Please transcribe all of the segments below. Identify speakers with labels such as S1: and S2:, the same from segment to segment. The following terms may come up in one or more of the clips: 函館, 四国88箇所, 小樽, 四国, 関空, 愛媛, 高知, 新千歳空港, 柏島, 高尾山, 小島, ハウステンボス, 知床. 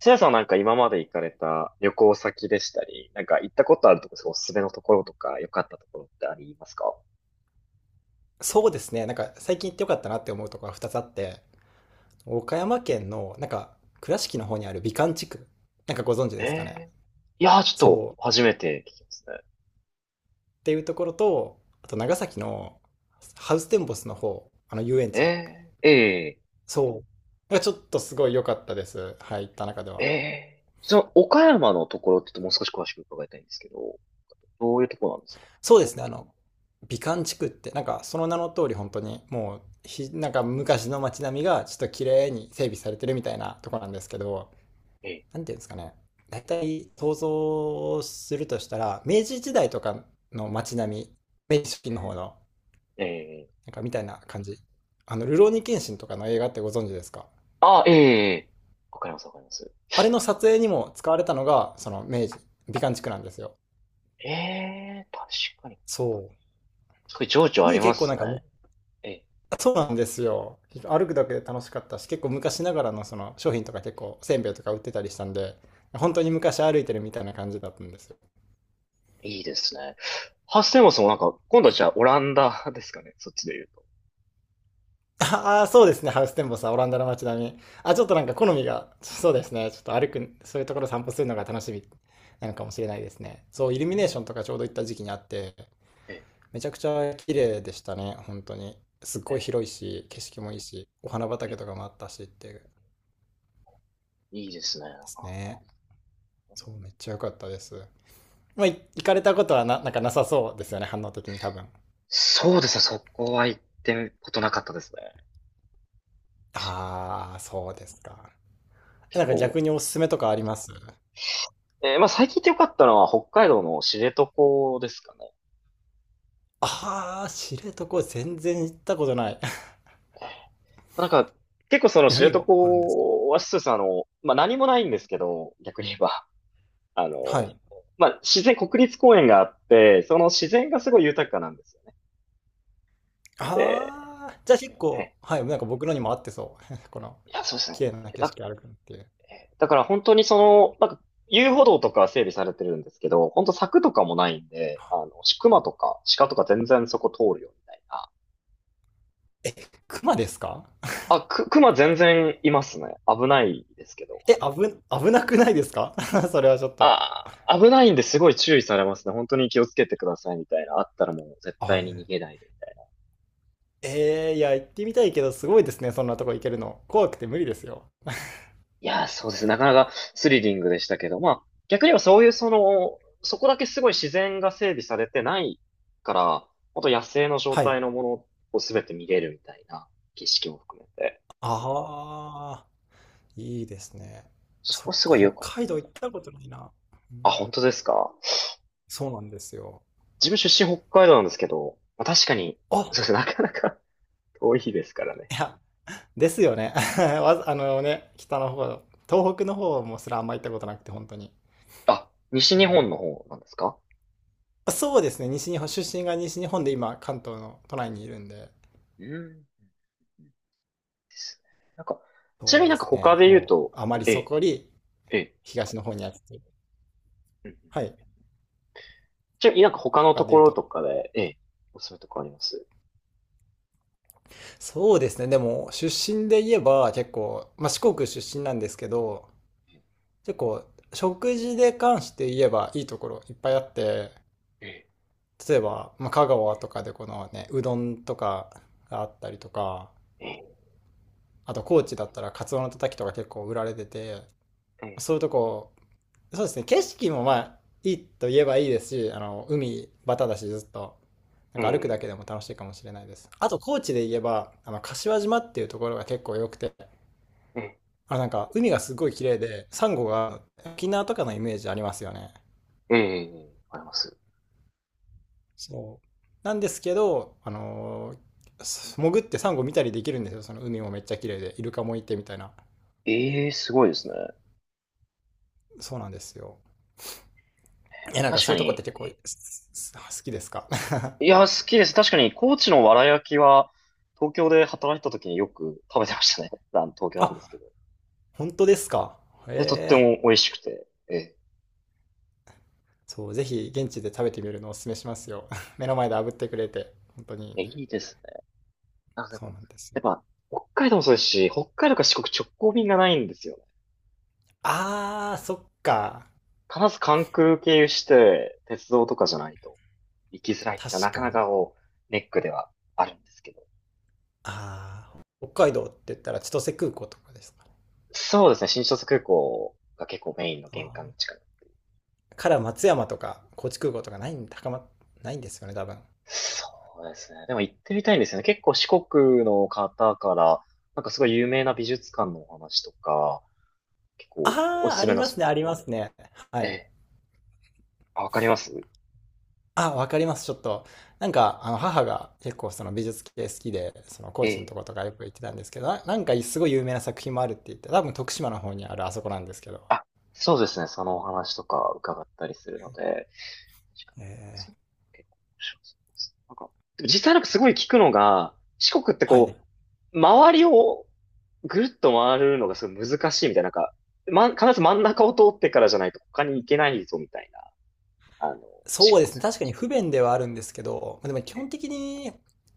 S1: せやさんはなんか今まで行かれた旅行先でしたり、なんか行ったことあるとこ、そうおすすめのところとか、良かったところってありますか？
S2: そうですね。最近行ってよかったなって思うところが2つあって、岡山県の倉敷の方にある美観地区、なんかご存知
S1: え
S2: ですかね。
S1: え。いやー、ちょっと
S2: そう。
S1: 初めて聞きますね。
S2: っていうところと、あと長崎のハウステンボスの方、あの遊園
S1: え
S2: 地。
S1: ー、え
S2: そう。がちょっとすごい良かったです。はい、行った中で
S1: え
S2: は。
S1: え、その岡山のところってちょっともう少し詳しく伺いたいんですけど、どういうところなんですか？
S2: そうですね。あの、美観地区って、なんかその名の通り本当にもうひ、なんか昔の街並みがちょっと綺麗に整備されてるみたいなとこなんですけど、
S1: ええ。
S2: なんていうんですかね。大体想像するとしたら、明治時代とかの街並み、明治初期の方
S1: う
S2: の、
S1: ん。ええ。
S2: なんかみたいな感じ。あの、ルローニケンシンとかの映画ってご存知ですか？
S1: あ、ええ、わかります、わかります。
S2: あれの撮影にも使われたのが、その明治、美観地区なんですよ。
S1: ええ、確かに。
S2: そう。
S1: すごい情緒あり
S2: に
S1: ま
S2: 結構
S1: す
S2: なんか、
S1: ね。
S2: む
S1: え
S2: そうなんですよ。歩くだけで楽しかったし、結構昔ながらのその商品とか結構、せんべいとか売ってたりしたんで、本当に昔歩いてるみたいな感じだったんですよ。
S1: いいですね。ハッセンボスもなんか、今度はじゃあオランダですかね、そっちで言うと。
S2: ああ、そうですね。ハウステンボスはオランダの街並み。あ、ちょっとなんか好みが、そうですね。ちょっと歩く、そういうところ散歩するのが楽しみなのかもしれないですね。そう、イルミネーションと
S1: え
S2: かちょうど行った時期にあって、
S1: え。え
S2: めちゃくちゃ綺麗でしたね。本当に。すっごい
S1: え。
S2: 広いし、景色もいいし、お花畑
S1: ええ、
S2: とかもあったしっていうで
S1: いいですね。なん
S2: す
S1: か、
S2: ね。そう、めっちゃ良かったです。まあ、い行かれたことはな、なんかなさそうですよね。反応的に多分。
S1: そうですね。そこは行ってことなかったですね。自分、
S2: ああ、そうですか。
S1: 結
S2: なんか
S1: 構。
S2: 逆におすすめとかあります？
S1: まあ最近行ってよかったのは北海道の知床ですかね。
S2: ああ、知床全然行ったことない。
S1: なんか、結構その知
S2: 何
S1: 床
S2: があるんですか？
S1: はそうです。あの、まあ何もないんですけど、逆に言えば。あの、
S2: はい。
S1: まあ自然、国立公園があって、その自然がすごい豊かなんですよね。で、
S2: ああ、じゃあ結構、
S1: え
S2: はい、なんか僕のにも合ってそう。この、
S1: いや、そうですね。
S2: 綺麗な景
S1: だ
S2: 色歩くのっていう。
S1: だから本当にその、なんか遊歩道とかは整備されてるんですけど、本当柵とかもないんで、あの、熊とか鹿とか全然そこ通るよみたいな。
S2: え、熊ですか？
S1: あ、熊全然いますね。危ないですけど。
S2: え、危、危なくないですか？ それはちょっと。
S1: あ危ないんですごい注意されますね。本当に気をつけてくださいみたいな。あったらもう絶
S2: は
S1: 対に逃
S2: い。
S1: げないで。
S2: えー、いや、行ってみたいけど、すごいですね、そんなとこ行けるの。怖くて無理ですよ。
S1: いやー、そうです。なかなかスリリングでしたけど、まあ、逆にはそういうその、そこだけすごい自然が整備されてないから、本当野生の状
S2: はい。
S1: 態のものをすべて見れるみたいな、景色も含めて、
S2: ああ、いいですね。
S1: そ
S2: そ
S1: こ
S2: っ
S1: す
S2: か、
S1: ごい
S2: 北
S1: 良かっ
S2: 海道行ったことないな。う
S1: た。あ、
S2: ん。
S1: 本当ですか？
S2: そうなんですよ。
S1: 自分出身北海道なんですけど、まあ、確かに、
S2: あ、
S1: そうですね、なかなか 遠いですからね。
S2: いや、ですよね。あのね、北の方、東北の方もすらあんま行ったことなくて、本当に。
S1: あ、西日本の方なんですか？
S2: そうですね、西日本、出身が西日本で今、関東の都内にいるんで、
S1: うん。ですね。なんか、ちなみ
S2: そう
S1: に
S2: で
S1: なんか
S2: す
S1: 他
S2: ね、
S1: で言う
S2: もう、
S1: と、
S2: あまり
S1: え
S2: そ
S1: え、
S2: こより
S1: ええ。
S2: 東の方にやってて、
S1: うん、うん。
S2: はい、
S1: ちなみになんか他の
S2: 他
S1: と
S2: で
S1: こ
S2: 言う
S1: ろ
S2: と。
S1: とかで、ええ、おすすめとかあります？
S2: そうですね、でも、出身で言えば、結構、まあ、四国出身なんですけど、
S1: え
S2: 結構、食事で関して言えば、いいところいっぱいあって、
S1: え。
S2: 例えば、まあ、香川とかでこのね、うどんとかがあったりとか、
S1: ええ、
S2: あと高知だったらカツオのたたきとか結構売られてて、
S1: ええ、
S2: そういうとこ、そうですね、景色もまあいいと言えばいいですし、あの海バタだしずっとなん
S1: え
S2: か歩くだけ
S1: え、
S2: でも楽しいかもしれないです。あと高知で言えばあの柏島っていうところが結構良くて、あの海がすごい綺麗でサンゴが沖縄とかのイメージありますよね。
S1: ええ、ええ、あります。
S2: そうなんですけど、あのーす潜ってサンゴ見たりできるんですよ。その海もめっちゃ綺麗でイルカもいてみたいな。
S1: ええ、すごいですね。
S2: そうなんですよ。え、なんか
S1: 確
S2: そ
S1: か
S2: ういうとこって
S1: に、
S2: 結構好
S1: え
S2: きですか？
S1: え、いや、好きです。確かに、高知のわら焼きは、東京で働いてた時によく食べてましたね。あの東 京なん
S2: あ、
S1: ですけど。い
S2: 本当ですか？
S1: や、とって
S2: へえ。
S1: も美味しくて、ええ、
S2: そう、ぜひ現地で食べてみるのをおすすめしますよ。目の前で炙ってくれて、本当にいいんで。
S1: いいですね。あ、で
S2: そう
S1: も、
S2: なんです
S1: や
S2: よ。
S1: っぱ、北海道もそうですし、北海道から四国直行便がないんですよね。
S2: あー、そっか。
S1: 必ず関空経由して、鉄道とかじゃないと。行きづらいってな
S2: 確
S1: か
S2: か
S1: な
S2: に。
S1: かこう、ネックではあるんですけど。
S2: あー、北海道って言ったら千歳空港とかですかね。
S1: そうですね、新千歳空港が結構メインの
S2: あ
S1: 玄関の
S2: ー
S1: 近く。
S2: から松山とか高知空港とかないんですよね、多分。
S1: そうですね。でも行ってみたいんですよね。結構四国の方から、なんかすごい有名な美術館のお話とか、結構お
S2: あ
S1: す
S2: ー、あ
S1: すめ
S2: り
S1: の
S2: ま
S1: ス
S2: す
S1: ポ
S2: ね、
S1: ッ
S2: あ
S1: ト。
S2: りますね。は
S1: え
S2: い。
S1: え。あ、わかります？
S2: あ、わかります、ちょっと。なんか、あの、母が結構その美術系好きで、その高
S1: え
S2: 知のと
S1: え。
S2: ことかよく行ってたんですけど、なんかすごい有名な作品もあるって言って、多分徳島の方にあるあそこなんですけど。
S1: そうですね、そのお話とか伺ったりするので。確かに。
S2: えー、
S1: そう、結構面白そうです。なんか、でも実際なんかすごい聞くのが、四国って
S2: は
S1: こ
S2: い。
S1: う、周りをぐるっと回るのがすごい難しいみたいな、なんか、ま、必ず真ん中を通ってからじゃないと他に行けないぞみたいな、あの、四
S2: そうです
S1: 国
S2: ね、
S1: 線なん
S2: 確か
S1: で
S2: に
S1: しょ
S2: 不便ではあるんですけど、でも基
S1: う
S2: 本
S1: ね。
S2: 的に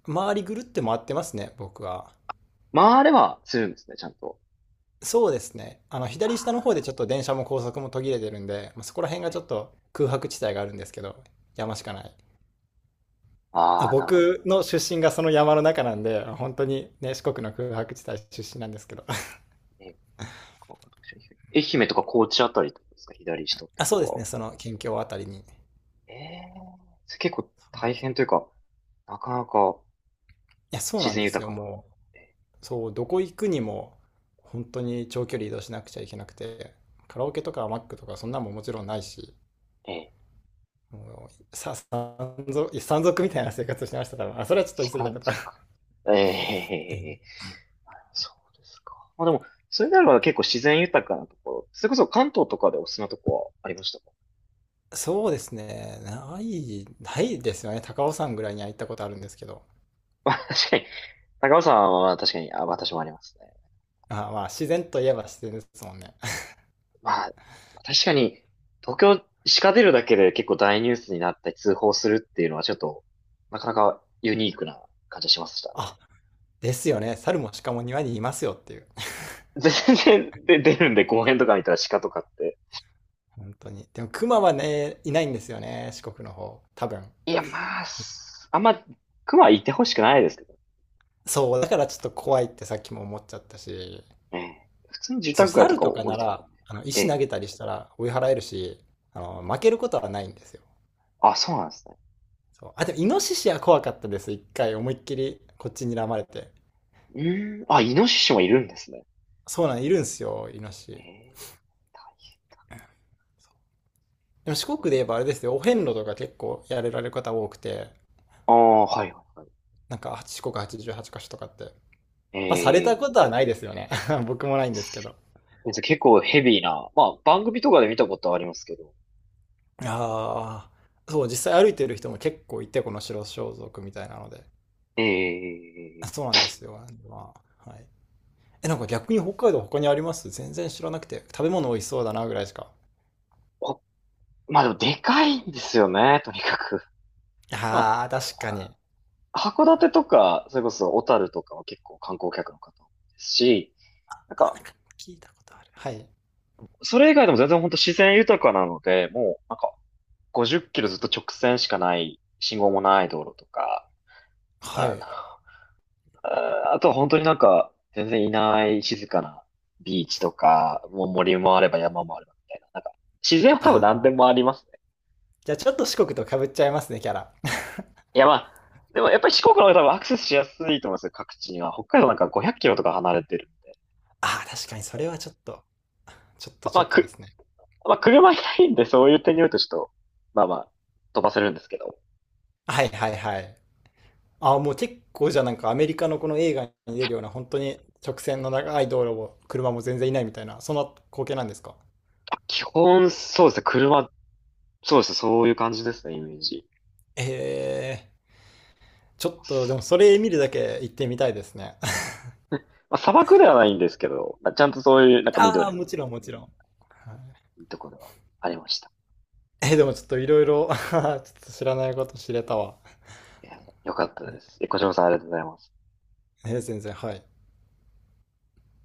S2: 周りぐるって回ってますね、僕は。
S1: 回ればするんですね、ちゃんと。
S2: そうですね。あの、
S1: あ
S2: 左下の方でちょっと電車も高速も途切れてるんで、まあ、そこら辺が
S1: ー、
S2: ちょっ
S1: え
S2: と空白地帯があるんですけど、
S1: ー
S2: 山しか
S1: え
S2: な
S1: ー
S2: い。あ、
S1: なるほど。
S2: 僕の出身がその山の中なんで、本当にね、四国の空白地帯出身なんですけど。
S1: えーこう、愛媛とか高知あたりってことですか、左下って
S2: あ、
S1: こ
S2: そう
S1: と
S2: です
S1: は。
S2: ね、その県境あたりに。い
S1: ええ、それ結構大変というか、なかなか
S2: や、そう
S1: 自
S2: なん
S1: 然
S2: です
S1: 豊
S2: よ、
S1: かな。
S2: も
S1: え
S2: う。そう、どこ行くにも、本当に長距離移動しなくちゃいけなくて、カラオケとかマックとかそんなんももちろんないし、
S1: ー、えー
S2: もう、山賊みたいな生活をしてました、多分。まあ、それはちょっと言い過ぎた
S1: 山
S2: けど。
S1: 賊。ええ。そうですか。まあでも、それならば結構自然豊かなところ。それこそ関東とかでおすすめなとこはありましたか？
S2: そうですね、ないですよね。高尾山ぐらいには行ったことあるんですけど。
S1: まあ 確かに、高尾山は確かに、あ、私もありますね。
S2: あ、まあ、自然といえば自然ですもんね。
S1: まあ、確かに、東京、鹿出るだけで結構大ニュースになったり通報するっていうのはちょっと、なかなかユニークな感じしました ね。
S2: あ、ですよね。猿も鹿も庭にいますよっていう。
S1: で、全然で出るんで、公園とか見たら鹿とかって。
S2: 本当に。でも熊はね、いないんですよね。四国の方。多分。
S1: いや、まあ、あんま、熊はいてほしくないですけど
S2: そう、だからちょっと怖いってさっきも思っちゃったし。
S1: ね。普通に住
S2: そう、
S1: 宅街と
S2: 猿
S1: か
S2: と
S1: を
S2: か
S1: 降
S2: な
S1: りてくる。
S2: ら、あの、
S1: え
S2: 石投
S1: え。
S2: げたりしたら追い払えるし、あの、負けることはないんですよ。
S1: あ、そうなんですね。
S2: そう。あ、でもイノシシは怖かったです。一回思いっきりこっちに睨まれて。
S1: うーん。あ、イノシシもいるんですね。
S2: そうなん、いるんすよ、イノシ
S1: え
S2: シ。
S1: え、大変
S2: でも
S1: だ。
S2: 四国
S1: そ
S2: で
S1: うい
S2: 言
S1: う。
S2: えばあれですよ、お遍路とか結構やれられる方多くて、
S1: ああ、はいはいはい。
S2: なんか四国88箇所とかって、まあ、された
S1: え
S2: こ
S1: え
S2: とはないですよね。僕もないんですけど。
S1: ー。じゃあ結構ヘビーな。まあ、番組とかで見たことはありますけど。
S2: ああ、そう、実際歩いてる人も結構いて、この白装束みたいなので。
S1: ええ。
S2: そうなんですよ。まあ、はい。え、なんか逆に北海道他にあります？全然知らなくて。食べ物美味しそうだなぐらいしか。
S1: こ、まあでもでかいんですよね、とにかく。ま
S2: ああ、確かに。
S1: あ、函館とか、それこそ小樽とかは結構観光客の方多いですし、なん
S2: あ、な
S1: か、
S2: んか聞いたことある。はい。
S1: それ以外でも全然本当自然豊かなので、もう、なんか、50キロずっと直線しかない、信号もない道路とか、
S2: は
S1: あの、
S2: い。
S1: ああ、とは本当になんか、全然いない静かなビーチとか、もう森もあれば山もあればみたいな。なんか、自然は多分何で
S2: ああ、
S1: もありますね。
S2: じゃあちょっと四国と被っちゃいますね、キャラ。
S1: いやまあ、でもやっぱり四国の方が多分アクセスしやすいと思いますよ、各地には。北海道なんか500キロとか離れてるんで。
S2: ああ、確かにそれはちょっと、ちょっと
S1: まあ、
S2: ち
S1: ま
S2: ょ
S1: あ
S2: っとで
S1: く、
S2: すね。
S1: まあ、車いないんで、そういう点によるとちょっと、まあまあ、飛ばせるんですけど。
S2: はいはいはい。あ、もう結構じゃあアメリカのこの映画に出るような本当に直線の長い道路を車も全然いないみたいな、そんな光景なんですか？
S1: 基本、そうですね、車、そうですね、そういう感じですね、イメージ。
S2: えー、ちょっとでもそれ見るだけ行ってみたいですね。
S1: まあ、砂漠ではないんですけど、まあ、ちゃんとそういう、なん か
S2: あ
S1: 緑
S2: あ、も
S1: も
S2: ちろんもちろん。はい。
S1: いいところがありました。
S2: えー、でもちょっといろいろ ちょっと知らないこと知れたわ。
S1: いや、よかった
S2: ね。
S1: です。え、小島さんありがとうございます。
S2: えー全然、はい。